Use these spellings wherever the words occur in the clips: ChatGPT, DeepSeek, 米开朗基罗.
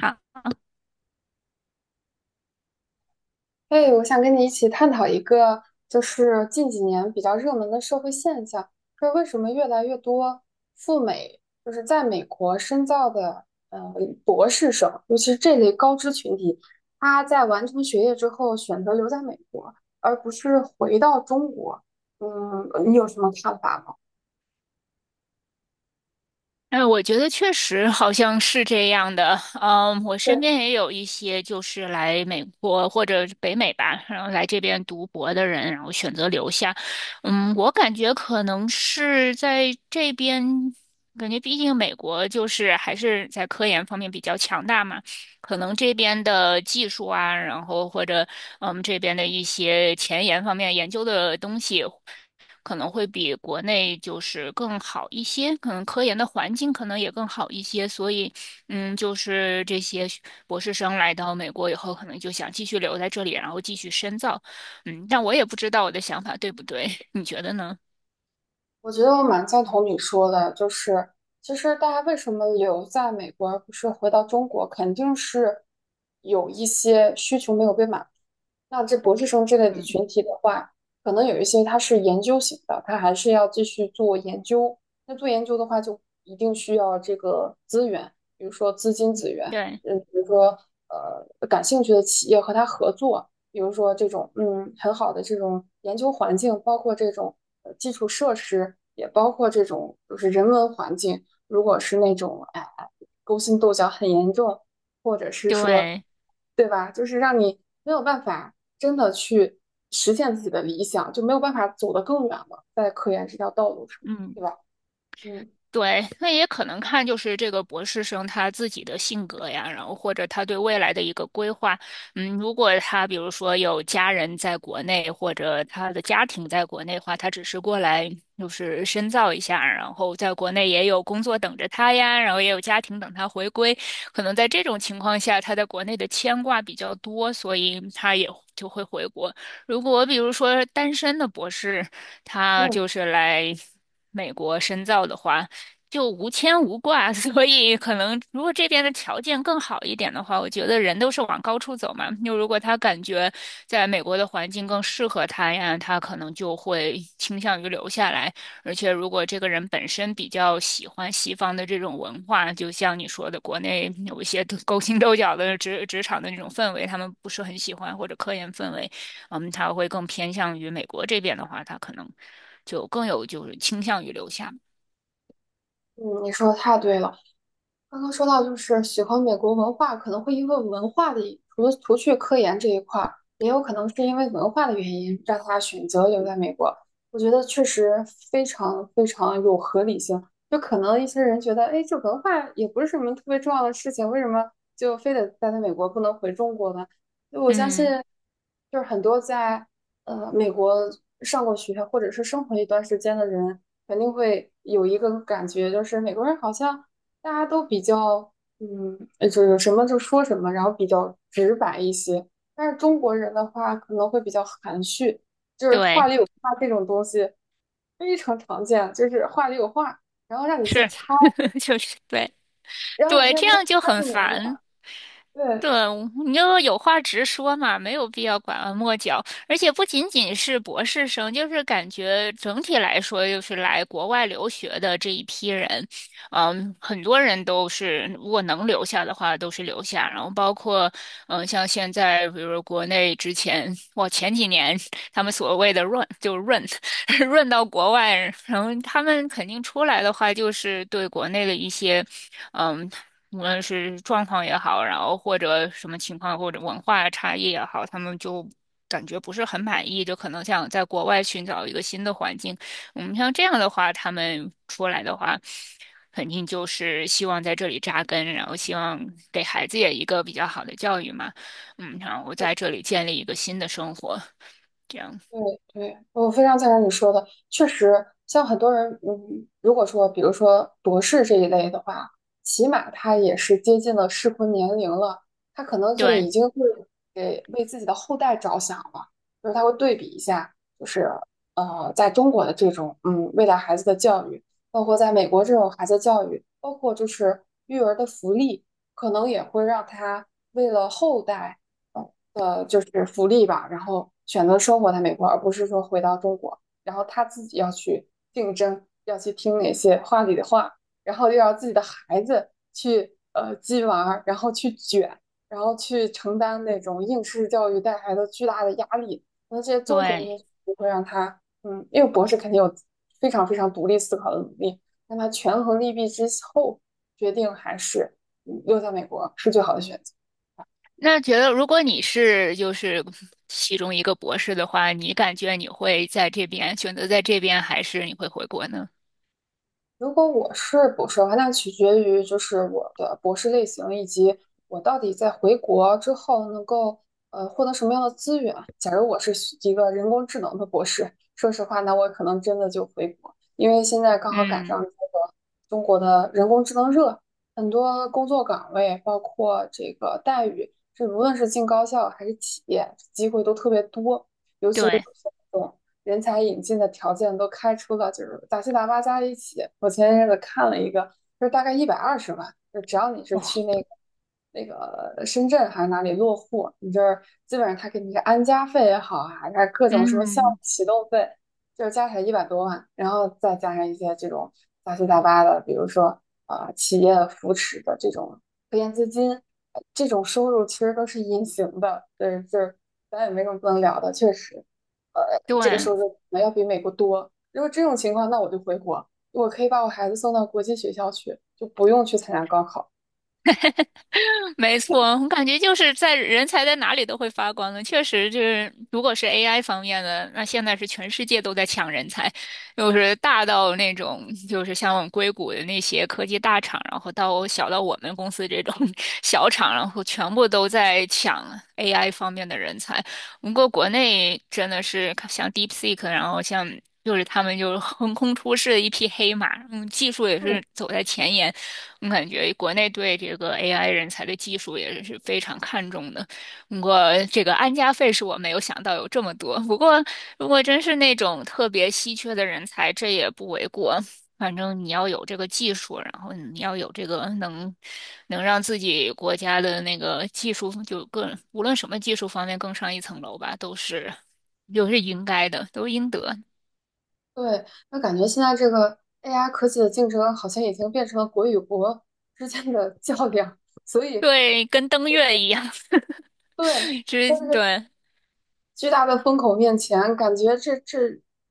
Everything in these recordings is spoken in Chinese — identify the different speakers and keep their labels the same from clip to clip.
Speaker 1: 好。
Speaker 2: 哎，我想跟你一起探讨一个，就是近几年比较热门的社会现象，就是为什么越来越多赴美，就是在美国深造的，呃，博士生，尤其是这类高知群体，他在完成学业之后选择留在美国，而不是回到中国。嗯，你有什么看法吗？
Speaker 1: 哎，我觉得确实好像是这样的。嗯，我身边
Speaker 2: 对。
Speaker 1: 也有一些就是来美国或者北美吧，然后来这边读博的人，然后选择留下。嗯，我感觉可能是在这边，感觉毕竟美国就是还是在科研方面比较强大嘛，可能这边的技术啊，然后或者嗯这边的一些前沿方面研究的东西。可能会比国内就是更好一些，可能科研的环境可能也更好一些，所以，嗯，就是这些学博士生来到美国以后，可能就想继续留在这里，然后继续深造。但我也不知道我的想法对不对，你觉得呢？
Speaker 2: 我觉得我蛮赞同你说的，就是其实大家为什么留在美国而不是回到中国，肯定是有一些需求没有被满足。那这博士生之类的群体的话，可能有一些他是研究型的，他还是要继续做研究。那做研究的话，就一定需要这个资源，比如说资金资源，
Speaker 1: 对
Speaker 2: 比如说感兴趣的企业和他合作，比如说这种很好的这种研究环境，包括这种基础设施，也包括这种就是人文环境。如果是那种勾心斗角很严重，或者是说。
Speaker 1: 对。
Speaker 2: 对，是让你没有办法真的去实现自己的理想，就没有办法走得更远了，在科研这条道路上，
Speaker 1: 嗯。
Speaker 2: 对吧？嗯
Speaker 1: 对，那也可能看就是这个博士生他自己的性格呀，然后或者他对未来的一个规划。嗯，如果他比如说有家人在国内，或者他的家庭在国内的话，他只是过来就是深造一下，然后在国内也有工作等着他呀，然后也有家庭等他回归。可能在这种情况下，他在国内的牵挂比较多，所以他也就会回国。如果比如说单身的博士，他
Speaker 2: 嗯
Speaker 1: 就是来。美国深造的话，就无牵无挂，所以可能如果这边的条件更好一点的话，我觉得人都是往高处走嘛。就如果他感觉在美国的环境更适合他呀，他可能就会倾向于留下来。而且如果这个人本身比较喜欢西方的这种文化，就像你说的，国内有一些勾心斗角的职场的那种氛围，他们不是很喜欢，或者科研氛围，嗯，他会更偏向于美国这边的话，他可能就更有就是倾向于留下。
Speaker 2: 嗯，你说的太对了。刚刚说到，就是喜欢美国文化，可能会因为文化的一，除去科研这一块儿，也有可能是因为文化的原因，让他选择留在美国。我觉得确实非常非常有合理性。就可能一些人觉得，哎，这文化也不是什么特别重要的事情，为什么就非得待在美国，不能回中国呢？就我相信，
Speaker 1: 嗯。
Speaker 2: 就是很多在美国上过学或者是生活一段时间的人，肯定会有一个感觉，就是美国人好像。大家都比较，就有什么就说什么，然后比较直白一些。但是中国人的话可能会比较含蓄，就是话
Speaker 1: 对，
Speaker 2: 里有话这种东西非常常见，就是话里有话，然后让你去
Speaker 1: 是，
Speaker 2: 猜，
Speaker 1: 就是对。
Speaker 2: 然后有
Speaker 1: 对，
Speaker 2: 些
Speaker 1: 这
Speaker 2: 人
Speaker 1: 样就
Speaker 2: 他猜
Speaker 1: 很
Speaker 2: 不明
Speaker 1: 烦。
Speaker 2: 白。对，
Speaker 1: 对，你就有话直说嘛，没有必要拐弯抹角。而且不仅仅是博士生，就是感觉整体来说，就是来国外留学的这一批人，嗯，很多人都是如果能留下的话，都是留下。然后包括，嗯，像现在，比如说国内之前，哇，前几年他们所谓的润，就是“润 润到国外，然后他们肯定出来的话，就是对国内的一些。嗯，无论是状况也好，然后或者什么情况，或者文化差异也好，他们就感觉不是很满意，就可能想在国外寻找一个新的环境。我们像这样的话，他们出来的话，肯定就是希望在这里扎根，然后希望给孩子也一个比较好的教育嘛，嗯，然后在这里建立一个新的生活，这样。
Speaker 2: 对对，我非常赞成你说的，确实，像很多人，如果说，比如说博士这一类的话，起码他也是接近了适婚年龄了，他可能就
Speaker 1: 对
Speaker 2: 已经会给为自己的后代着想了，就是他会对比一下，就是在中国的这种未来孩子的教育，包括在美国这种孩子教育，包括就是育儿的福利，可能也会让他为了后代。的就是福利吧，然后选择生活在美国，而不是说回到中国，然后他自己要去竞争，要去听哪些话里的话，然后又要自己的孩子去鸡娃然后去卷，然后去承担那种应试教育带来的巨大的压力，那这些综合因
Speaker 1: 对，
Speaker 2: 素会让他，因为博士肯定有非常非常独立思考的能力，让他权衡利弊之后决定还是留在美国是最好的选择。
Speaker 1: 那觉得，如果你是就是其中一个博士的话，你感觉你会在这边选择在这边，还是你会回国呢？
Speaker 2: 如果我是博士的话，那取决于就是我的博士类型以及我到底在回国之后能够获得什么样的资源。假如我是学一个人工智能的博士，说实话，那我可能真的就回国，因为现在刚好赶
Speaker 1: 嗯。
Speaker 2: 上这个中国的人工智能热，很多工作岗位，包括这个待遇，这无论是进高校还是企业，机会都特别多。尤其是。
Speaker 1: 对。
Speaker 2: 种人才引进的条件都开出了，就是杂七杂八加一起。我前一阵子看了一个，就是大概120万，就只要你是去
Speaker 1: 哇。
Speaker 2: 那个深圳还是哪里落户，你就是基本上他给你个安家费也好啊，还是各种什么项目
Speaker 1: 嗯。
Speaker 2: 启动费，就是加起来100多万，然后再加上一些这种杂七杂八的，比如说企业扶持的这种收入其实都是隐形的，对，就是咱也没什么不能聊的，确实，呃，这个
Speaker 1: 对。
Speaker 2: 收入可能要比美国多。如果这种情况，那我就回国，我可以把我孩子送到国际学校去，就不用去参加高考。
Speaker 1: 没错，我感觉就是在人才在哪里都会发光的，确实就是，如果是 AI 方面的，那现在是全世界都在抢人才，就是大到那种就是像我们硅谷的那些科技大厂，然后到小到我们公司这种 小厂，然后全部都在抢 AI 方面的人才。不过国内真的是像 DeepSeek，然后像。就是他们就是横空出世的一匹黑马，嗯，技术也
Speaker 2: 嗯，
Speaker 1: 是走在前沿，我感觉国内对这个 AI 人才的技术也是非常看重的。我这个安家费是我没有想到有这么多，不过如果真是那种特别稀缺的人才，这也不为过。反正你要有这个技术，然后你要有这个能让自己国家的那个技术就更无论什么技术方面更上一层楼吧，都是就是应该的，都应得。
Speaker 2: 对，那感觉现在这个 AI 科技的竞争好像已经变成了国与国之间的 较量，所以
Speaker 1: 对，跟登月一样。
Speaker 2: 对，但
Speaker 1: 是，
Speaker 2: 是。
Speaker 1: 对。
Speaker 2: 巨大的风口面前，感觉这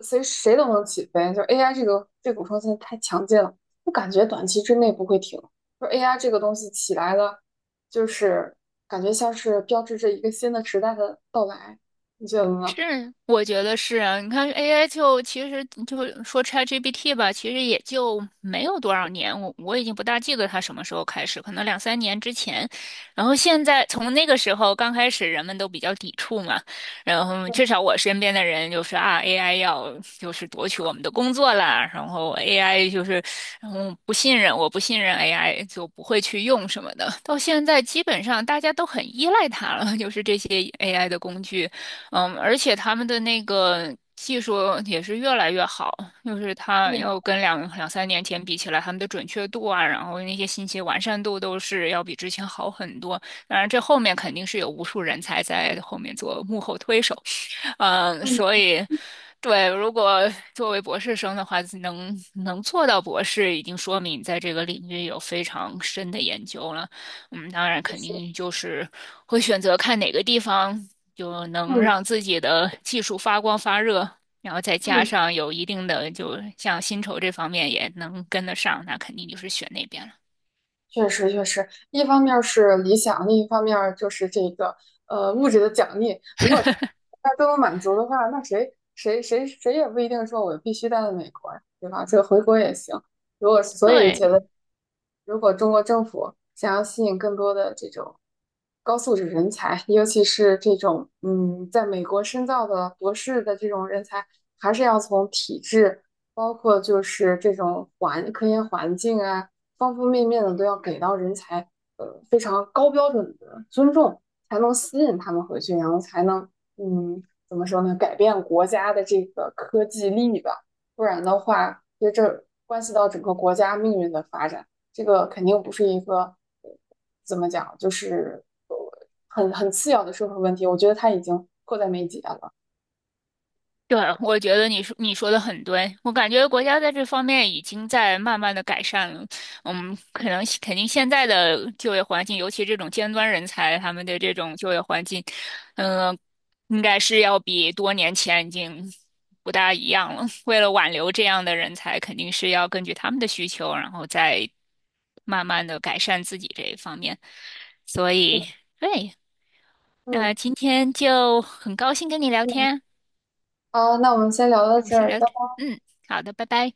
Speaker 2: 谁谁都能起飞。就 AI 这个这股风现在太强劲了，我感觉短期之内不会停。就 AI 这个东西起来了，就是感觉像是标志着一个新的时代的到来，你觉得呢？
Speaker 1: 是，我觉得是啊。你看 AI 就其实就说 ChatGPT 吧，其实也就没有多少年，我已经不大记得它什么时候开始，可能两三年之前。然后现在从那个时候刚开始，人们都比较抵触嘛。然后
Speaker 2: 嗯
Speaker 1: 至少我身边的人就是啊，AI 要就是夺取我们的工作啦，然后 AI 就是然后不信任，我不信任 AI 就不会去用什么的。到现在基本上大家都很依赖它了，就是这些 AI 的工具。嗯，而且他们的那个技术也是越来越好，就是它
Speaker 2: 嗯
Speaker 1: 要跟两三年前比起来，他们的准确度啊，然后那些信息完善度都是要比之前好很多。当然，这后面肯定是有无数人才在后面做幕后推手，嗯，
Speaker 2: 嗯，
Speaker 1: 所以，对，如果作为博士生的话，能做到博士，已经说明你在这个领域有非常深的研究了。嗯，当然，肯
Speaker 2: 是
Speaker 1: 定就是会选择看哪个地方就能
Speaker 2: 嗯
Speaker 1: 让自己的技术发光发热，然后再加
Speaker 2: 嗯。
Speaker 1: 上有一定的，就像薪酬这方面也能跟得上，那肯定就是选那边了。
Speaker 2: 确实，确实，一方面儿是理想，另一方面儿就是这个物质的奖励。如果这 大家都能满足的话，那谁谁谁谁也不一定说我必须待在美国呀，对吧？这个回国也行。如果所以觉
Speaker 1: 对。
Speaker 2: 得，如果中国政府想要吸引更多的这种高素质人才，尤其是这种在美国深造的博士的这种人才，还是要从体制，包括就是这种环科研环境啊。方方面面的都要给到人才，非常高标准的尊重，才能吸引他们回去，然后才能，嗯，怎么说呢，改变国家的这个科技力吧。不然的话，其实这关系到整个国家命运的发展，这个肯定不是一个，呃怎么讲，就是很次要的社会问题。我觉得它已经迫在眉睫了。
Speaker 1: 对，我觉得你说的很对，我感觉国家在这方面已经在慢慢的改善了。嗯，可能肯定现在的就业环境，尤其这种尖端人才，他们的这种就业环境，嗯、应该是要比多年前已经不大一样了。为了挽留这样的人才，肯定是要根据他们的需求，然后再慢慢的改善自己这一方面。所以，对，那
Speaker 2: 嗯，
Speaker 1: 今天就很高兴跟你聊
Speaker 2: 嗯
Speaker 1: 天。
Speaker 2: 啊，那我们先聊到
Speaker 1: 那我
Speaker 2: 这
Speaker 1: 先
Speaker 2: 儿。
Speaker 1: 聊这，嗯，好的，拜拜。